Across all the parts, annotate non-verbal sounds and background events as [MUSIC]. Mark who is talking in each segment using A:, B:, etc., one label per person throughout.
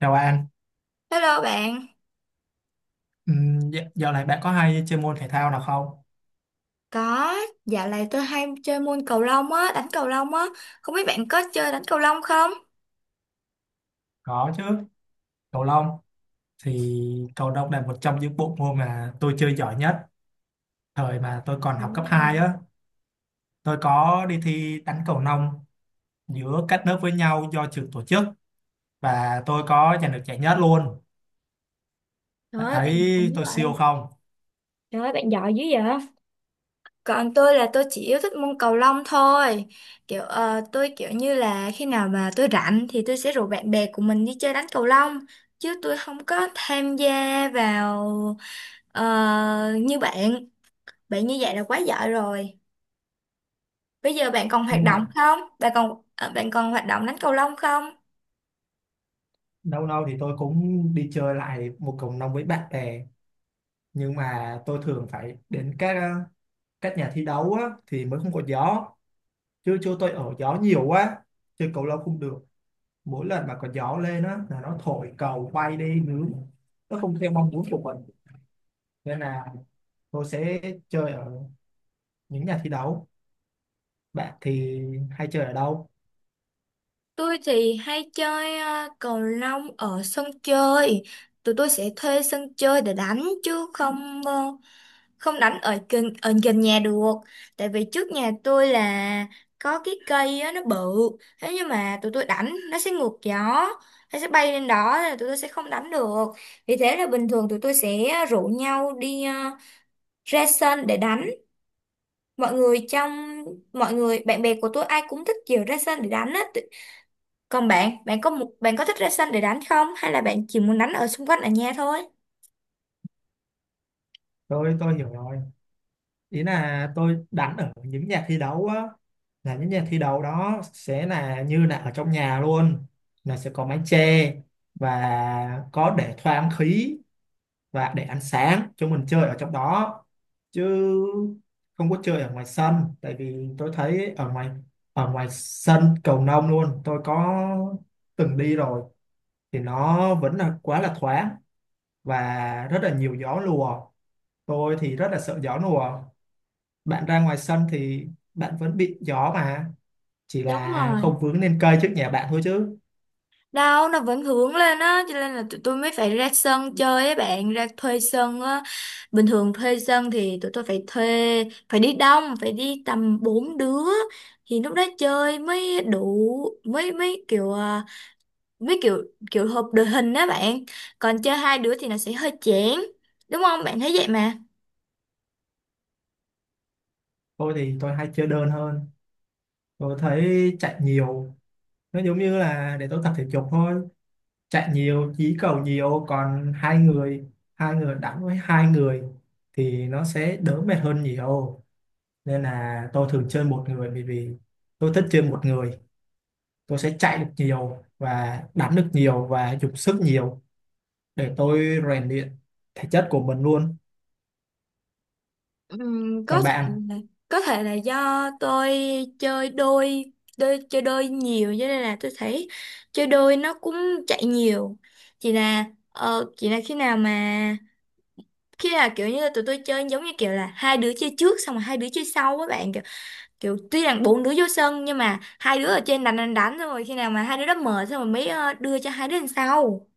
A: Chào bạn.
B: Hello bạn,
A: Dạo này bạn có hay chơi môn thể thao nào không?
B: có dạo này tôi hay chơi môn cầu lông á, đánh cầu lông á, không biết bạn có chơi đánh cầu lông không?
A: Có chứ, cầu lông. Thì cầu lông là một trong những bộ môn mà tôi chơi giỏi nhất. Thời mà tôi còn học cấp
B: Đúng rồi.
A: 2 á, tôi có đi thi đánh cầu lông giữa các lớp với nhau do trường tổ chức, và tôi có giành được giải nhất luôn.
B: Trời
A: Bạn
B: ơi, bạn giỏi
A: thấy
B: dữ
A: tôi
B: vậy.
A: siêu không?
B: Trời ơi, bạn giỏi dữ vậy. Còn tôi là tôi chỉ yêu thích môn cầu lông thôi, kiểu tôi kiểu như là khi nào mà tôi rảnh thì tôi sẽ rủ bạn bè của mình đi chơi đánh cầu lông, chứ tôi không có tham gia vào như bạn, bạn như vậy là quá giỏi rồi. Bây giờ bạn còn hoạt
A: Nhưng
B: động
A: mà
B: không? Bạn còn hoạt động đánh cầu lông không?
A: lâu lâu thì tôi cũng đi chơi lại một cầu lông với bạn bè. Nhưng mà tôi thường phải đến các nhà thi đấu á, thì mới không có gió, chứ chỗ tôi ở gió nhiều quá, chơi cầu lâu không được. Mỗi lần mà có gió lên á là nó thổi cầu bay đi nướng, nó không theo mong muốn của mình, nên là tôi sẽ chơi ở những nhà thi đấu. Bạn thì hay chơi ở đâu?
B: Tôi thì hay chơi cầu lông ở sân chơi. Tụi tôi sẽ thuê sân chơi để đánh chứ không đánh ở gần nhà được. Tại vì trước nhà tôi là có cái cây á, nó bự. Thế nhưng mà tụi tôi đánh nó sẽ ngược gió, nó sẽ bay lên đó nên là tụi tôi sẽ không đánh được. Vì thế là bình thường tụi tôi sẽ rủ nhau đi ra sân để đánh. mọi người trong Mọi người bạn bè của tôi ai cũng thích kiểu ra sân để đánh á. Còn bạn bạn có một bạn có thích ra sân để đánh không hay là bạn chỉ muốn đánh ở xung quanh ở nhà thôi?
A: Tôi hiểu rồi, ý là tôi đánh ở những nhà thi đấu á, là những nhà thi đấu đó sẽ là như là ở trong nhà luôn, là sẽ có mái che, và có để thoáng khí, và để ăn sáng chúng mình chơi ở trong đó, chứ không có chơi ở ngoài sân. Tại vì tôi thấy ở ngoài, ở ngoài sân cầu lông luôn, tôi có từng đi rồi, thì nó vẫn là quá là thoáng và rất là nhiều gió lùa. Tôi thì rất là sợ gió lùa. Bạn ra ngoài sân thì bạn vẫn bị gió mà, chỉ
B: Đúng
A: là
B: rồi,
A: không vướng lên cây trước nhà bạn thôi chứ.
B: đâu nó vẫn hướng lên á, cho nên là tụi tôi mới phải ra sân chơi á bạn, ra thuê sân á. Bình thường thuê sân thì tụi tôi phải thuê, phải đi đông, phải đi tầm 4 đứa. Thì lúc đó chơi mới đủ, mới mới kiểu với kiểu kiểu hợp đội hình đó bạn. Còn chơi hai đứa thì nó sẽ hơi chán, đúng không bạn thấy vậy mà.
A: Tôi thì tôi hay chơi đơn hơn, tôi thấy chạy nhiều nó giống như là để tôi tập thể dục thôi. Chạy nhiều dí cầu nhiều. Còn hai người, hai người đánh với hai người thì nó sẽ đỡ mệt hơn nhiều. Nên là tôi thường chơi một người, bởi vì tôi thích chơi một người, tôi sẽ chạy được nhiều và đánh được nhiều và dùng sức nhiều để tôi rèn luyện thể chất của mình luôn.
B: Ừm, có
A: Còn
B: thể
A: bạn?
B: là, có thể là do tôi chơi đôi. Chơi đôi nhiều cho nên là tôi thấy chơi đôi nó cũng chạy nhiều, chỉ là khi nào mà khi là kiểu như là tụi tôi chơi giống như kiểu là hai đứa chơi trước xong rồi hai đứa chơi sau á bạn, kiểu, kiểu tuy rằng bốn đứa vô sân nhưng mà hai đứa ở trên đánh đánh đánh xong rồi khi nào mà hai đứa đó mở xong rồi mới đưa cho hai đứa đằng sau,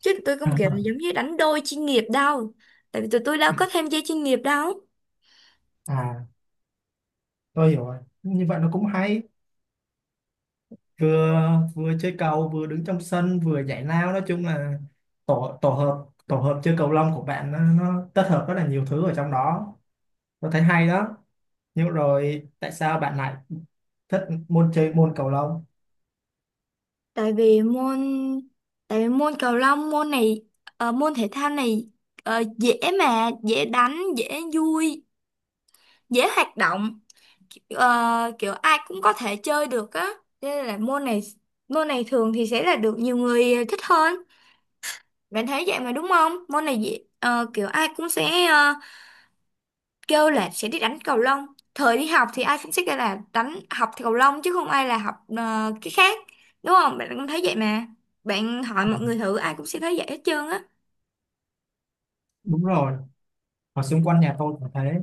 B: chứ tụi tôi
A: [LAUGHS]
B: không kiểu là
A: À,
B: giống như đánh đôi chuyên nghiệp đâu, tại vì tụi tôi đâu
A: ừ,
B: có tham gia chuyên nghiệp đâu.
A: à, tôi hiểu rồi, như vậy nó cũng hay. Vừa, vừa chơi cầu vừa đứng trong sân vừa nhảy lao, nói chung là tổ tổ hợp chơi cầu lông của bạn nó kết hợp rất là nhiều thứ ở trong đó. Tôi thấy hay đó. Nhưng rồi tại sao bạn lại thích môn, chơi môn cầu lông?
B: tại vì môn Tại vì môn cầu lông, môn này môn thể thao này dễ mà, dễ đánh, dễ vui, dễ hoạt động. Kiểu ai cũng có thể chơi được á. Cho nên là môn này thường thì sẽ là được nhiều người thích hơn. Bạn thấy vậy mà đúng không, môn này dễ kiểu ai cũng sẽ kêu là sẽ đi đánh cầu lông. Thời đi học thì ai cũng sẽ kêu là đánh học thì cầu lông chứ không ai là học cái khác, đúng không bạn cũng thấy vậy mà. Bạn hỏi mọi người thử ai cũng sẽ thấy vậy hết trơn á.
A: Đúng rồi, ở xung quanh nhà tôi cũng thế,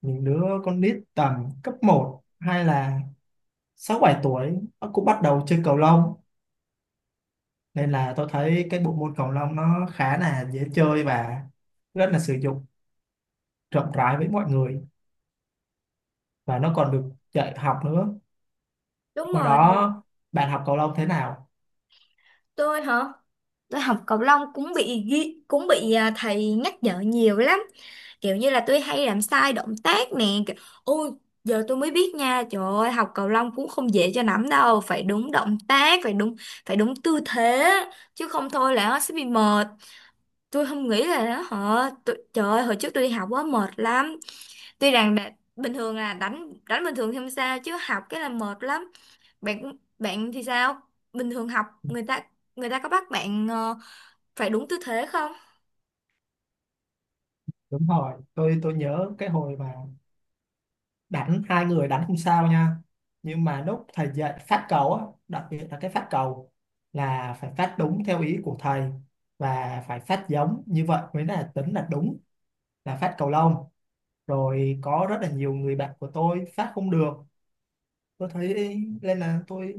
A: những đứa con nít tầm cấp 1 hay là 6-7 tuổi nó cũng bắt đầu chơi cầu lông. Nên là tôi thấy cái bộ môn cầu lông nó khá là dễ chơi và rất là sử dụng rộng rãi với mọi người, và nó còn được dạy học nữa.
B: Đúng
A: Hồi
B: rồi được.
A: đó bạn học cầu lông thế nào?
B: Tôi hả? Tôi học cầu lông cũng bị ghi, cũng bị thầy nhắc nhở nhiều lắm, kiểu như là tôi hay làm sai động tác nè, kiểu ôi, giờ tôi mới biết nha, trời ơi học cầu lông cũng không dễ cho lắm, đâu phải đúng động tác, phải đúng tư thế chứ không thôi là nó sẽ bị mờ. Tôi không nghĩ là nó họ tôi, trời ơi, hồi trước tôi đi học quá mệt lắm. tuy rằng đã, Bình thường là đánh đánh bình thường thì không sao chứ học cái là mệt lắm. Bạn bạn thì sao, bình thường học người ta có bắt bạn phải đúng tư thế không?
A: Đúng rồi, tôi nhớ cái hồi mà đánh hai người, đánh không sao nha, nhưng mà lúc thầy dạy phát cầu á, đặc biệt là cái phát cầu là phải phát đúng theo ý của thầy, và phải phát giống như vậy mới là tính là đúng, là phát cầu lông. Rồi có rất là nhiều người bạn của tôi phát không được, tôi thấy. Nên là tôi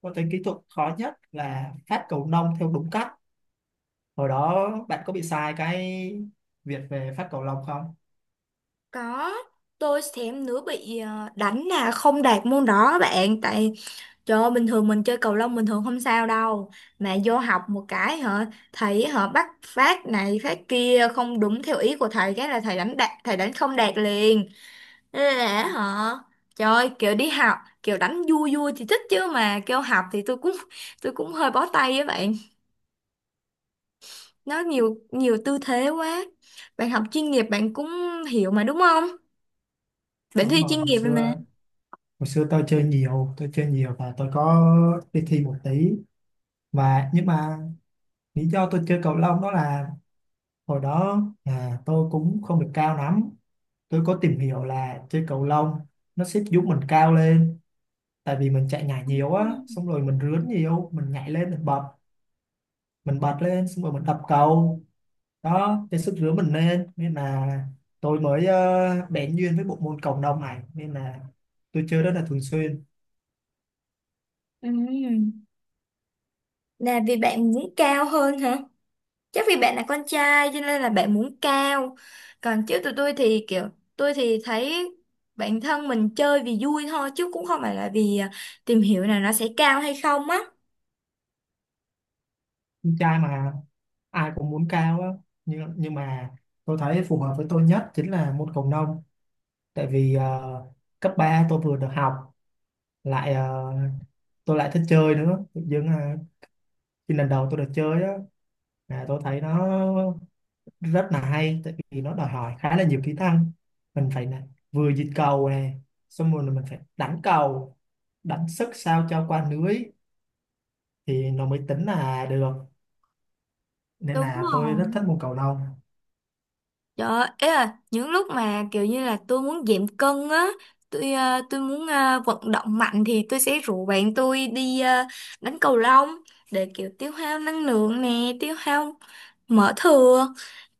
A: tôi thấy kỹ thuật khó nhất là phát cầu lông theo đúng cách. Hồi đó bạn có bị sai cái việc về phát cầu lông không?
B: Có, tôi thèm nữa bị đánh là không đạt môn đó bạn. Tại trời ơi, bình thường mình chơi cầu lông bình thường không sao đâu, mà vô học một cái hả, thầy họ bắt phát này phát kia không đúng theo ý của thầy cái là thầy đánh đạt, thầy đánh không đạt liền. Ê, lẽ hả? Trời ơi, kiểu đi học, kiểu đánh vui vui thì thích chứ mà kêu học thì tôi cũng hơi bó tay với bạn. Nó nhiều nhiều tư thế quá. Bạn học chuyên nghiệp bạn cũng hiểu mà đúng không? Bạn
A: Đúng
B: thi
A: rồi,
B: chuyên
A: hồi
B: nghiệp rồi mà.
A: xưa hồi xưa tôi chơi nhiều, và tôi có đi thi một tí. Và nhưng mà lý do tôi chơi cầu lông đó là, hồi đó tôi cũng không được cao lắm. Tôi có tìm hiểu là chơi cầu lông nó sẽ giúp mình cao lên, tại vì mình chạy nhảy nhiều á, xong rồi mình rướn nhiều, mình nhảy lên, mình bật, mình bật lên xong rồi mình đập cầu đó, cái sức rửa mình lên. Nên là tôi mới bén duyên với bộ môn cộng đồng này, nên là tôi chơi rất là thường xuyên.
B: Ừ. Là vì bạn muốn cao hơn hả? Chắc vì bạn là con trai cho nên là bạn muốn cao. Còn chứ tụi tôi thì kiểu tôi thì thấy bản thân mình chơi vì vui thôi chứ cũng không phải là vì tìm hiểu là nó sẽ cao hay không á.
A: Con trai mà, ai cũng muốn cao á. Nhưng mà tôi thấy phù hợp với tôi nhất chính là môn cầu lông. Tại vì cấp 3 tôi vừa được học lại, tôi lại thích chơi nữa. Tự dưng là khi lần đầu tôi được chơi á, là tôi thấy nó rất là hay, tại vì nó đòi hỏi khá là nhiều kỹ năng. Mình phải là vừa dịch cầu này, xong rồi là mình phải đánh cầu, đánh sức sao cho qua lưới, thì nó mới tính là được. Nên
B: Đúng
A: là tôi
B: rồi.
A: rất thích môn cầu lông.
B: Trời ấy là những lúc mà kiểu như là tôi muốn giảm cân á, tôi muốn vận động mạnh thì tôi sẽ rủ bạn tôi đi đánh cầu lông để kiểu tiêu hao năng lượng nè, tiêu hao mỡ thừa.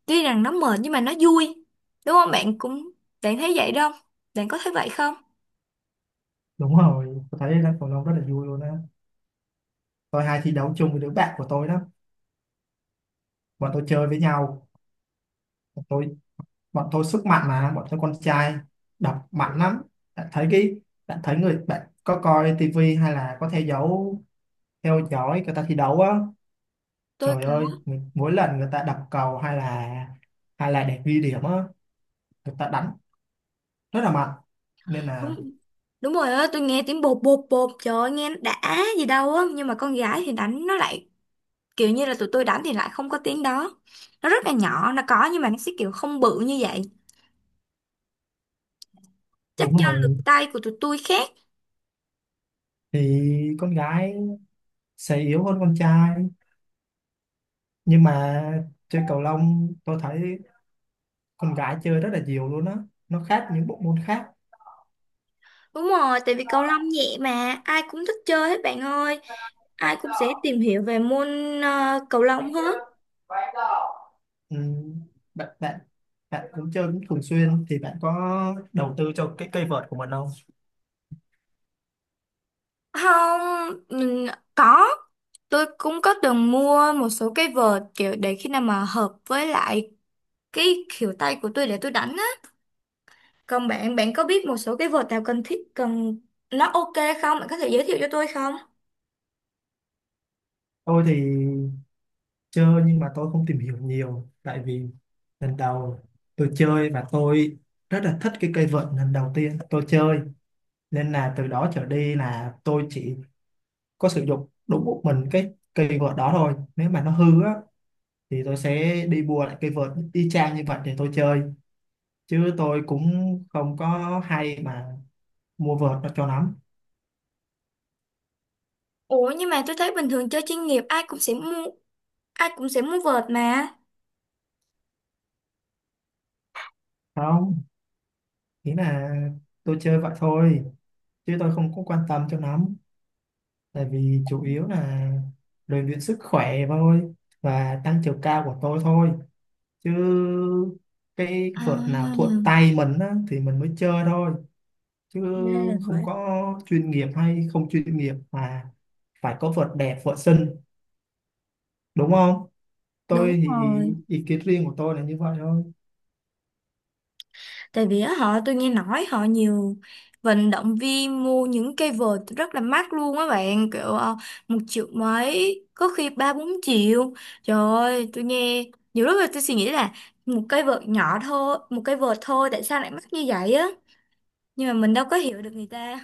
B: Tuy rằng nó mệt nhưng mà nó vui. Đúng không? Bạn cũng bạn thấy vậy đâu? Bạn có thấy vậy không?
A: Đúng rồi, tôi thấy đánh cầu lông rất là vui luôn á. Tôi hay thi đấu chung với đứa bạn của tôi đó, bọn tôi chơi với nhau. Bọn tôi bọn tôi sức mạnh mà, bọn tôi con trai, đập mạnh lắm. Bạn thấy cái, bạn thấy người, bạn có coi tivi hay là có theo dõi người ta thi đấu á?
B: Tôi
A: Trời ơi, mỗi lần người ta đập cầu hay là, để ghi điểm á, người ta đánh rất là mạnh nên là.
B: đúng đúng rồi á, tôi nghe tiếng bột bột bột trời ơi, nghe nó đã gì đâu á, nhưng mà con gái thì đánh nó lại kiểu như là tụi tôi đánh thì lại không có tiếng đó, nó rất là nhỏ, nó có nhưng mà nó sẽ kiểu không bự như vậy, chắc
A: Đúng
B: do lực
A: rồi,
B: tay của tụi tôi khác.
A: thì con gái sẽ yếu hơn con trai, nhưng mà chơi cầu lông tôi thấy con gái chơi rất là nhiều luôn á, nó khác những bộ môn khác.
B: Đúng rồi, tại vì cầu lông nhẹ mà ai cũng thích chơi hết bạn ơi, ai cũng sẽ tìm hiểu về môn cầu lông hết.
A: Ừ, bạn bạn bạn cũng chơi cũng thường xuyên, thì bạn có đầu tư cho cái cây vợt của mình không?
B: Không. Ừ. Có, tôi cũng có từng mua một số cái vợt kiểu để khi nào mà hợp với lại cái kiểu tay của tôi để tôi đánh á. Còn bạn bạn có biết một số cái vợt nào cần thiết, cần nó OK không, bạn có thể giới thiệu cho tôi không?
A: Tôi thì chưa, nhưng mà tôi không tìm hiểu nhiều, tại vì lần đầu tôi chơi và tôi rất là thích cái cây vợt lần đầu tiên tôi chơi, nên là từ đó trở đi là tôi chỉ có sử dụng đúng một mình cái cây vợt đó thôi. Nếu mà nó hư á, thì tôi sẽ đi mua lại cây vợt y chang như vậy để tôi chơi, chứ tôi cũng không có hay mà mua vợt nó cho lắm.
B: Ủa nhưng mà tôi thấy bình thường chơi chuyên nghiệp ai cũng sẽ mua vợt mà.
A: Không, nghĩa là tôi chơi vậy thôi, chứ tôi không có quan tâm cho lắm. Tại vì chủ yếu là rèn luyện sức khỏe thôi, và tăng chiều cao của tôi thôi. Chứ cái
B: À,
A: vợt nào thuận tay mình á, thì mình mới chơi thôi. Chứ
B: ra là
A: không
B: vậy.
A: có chuyên nghiệp hay không chuyên nghiệp mà phải có vợt đẹp vợt xinh, đúng không?
B: Đúng
A: Tôi thì
B: rồi.
A: ý kiến riêng của tôi là như vậy thôi.
B: Tại vì á, họ tôi nghe nói nhiều vận động viên mua những cây vợt rất là mắc luôn á bạn, kiểu 1 triệu mấy, có khi 3, 4 triệu. Trời ơi, tôi nghe nhiều lúc là tôi suy nghĩ là một cây vợt nhỏ thôi, một cây vợt thôi tại sao lại mắc như vậy á? Nhưng mà mình đâu có hiểu được người ta.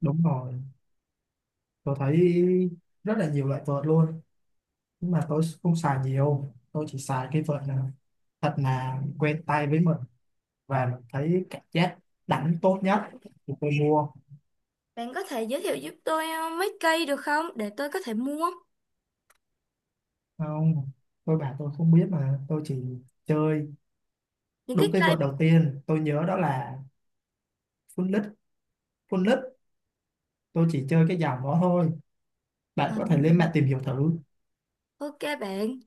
A: Đúng rồi, tôi thấy rất là nhiều loại vợt luôn, nhưng mà tôi không xài nhiều. Tôi chỉ xài cái vợt nào thật là quen tay với mình và mình thấy cảm giác đánh tốt nhất thì tôi mua.
B: Bạn có thể giới thiệu giúp tôi mấy cây được không để tôi có thể mua?
A: Không, tôi bảo tôi không biết mà, tôi chỉ chơi
B: Những cái
A: đúng. Cái
B: cây
A: vợt đầu tiên tôi nhớ đó là full lít, full lít. Tôi chỉ chơi cái dòng đó thôi, bạn
B: À,
A: có thể lên mạng tìm hiểu thử.
B: OK bạn,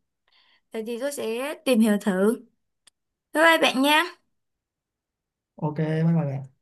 B: vậy thì tôi sẽ tìm hiểu thử, bye bye bạn nha.
A: Ok, bye bye bạn.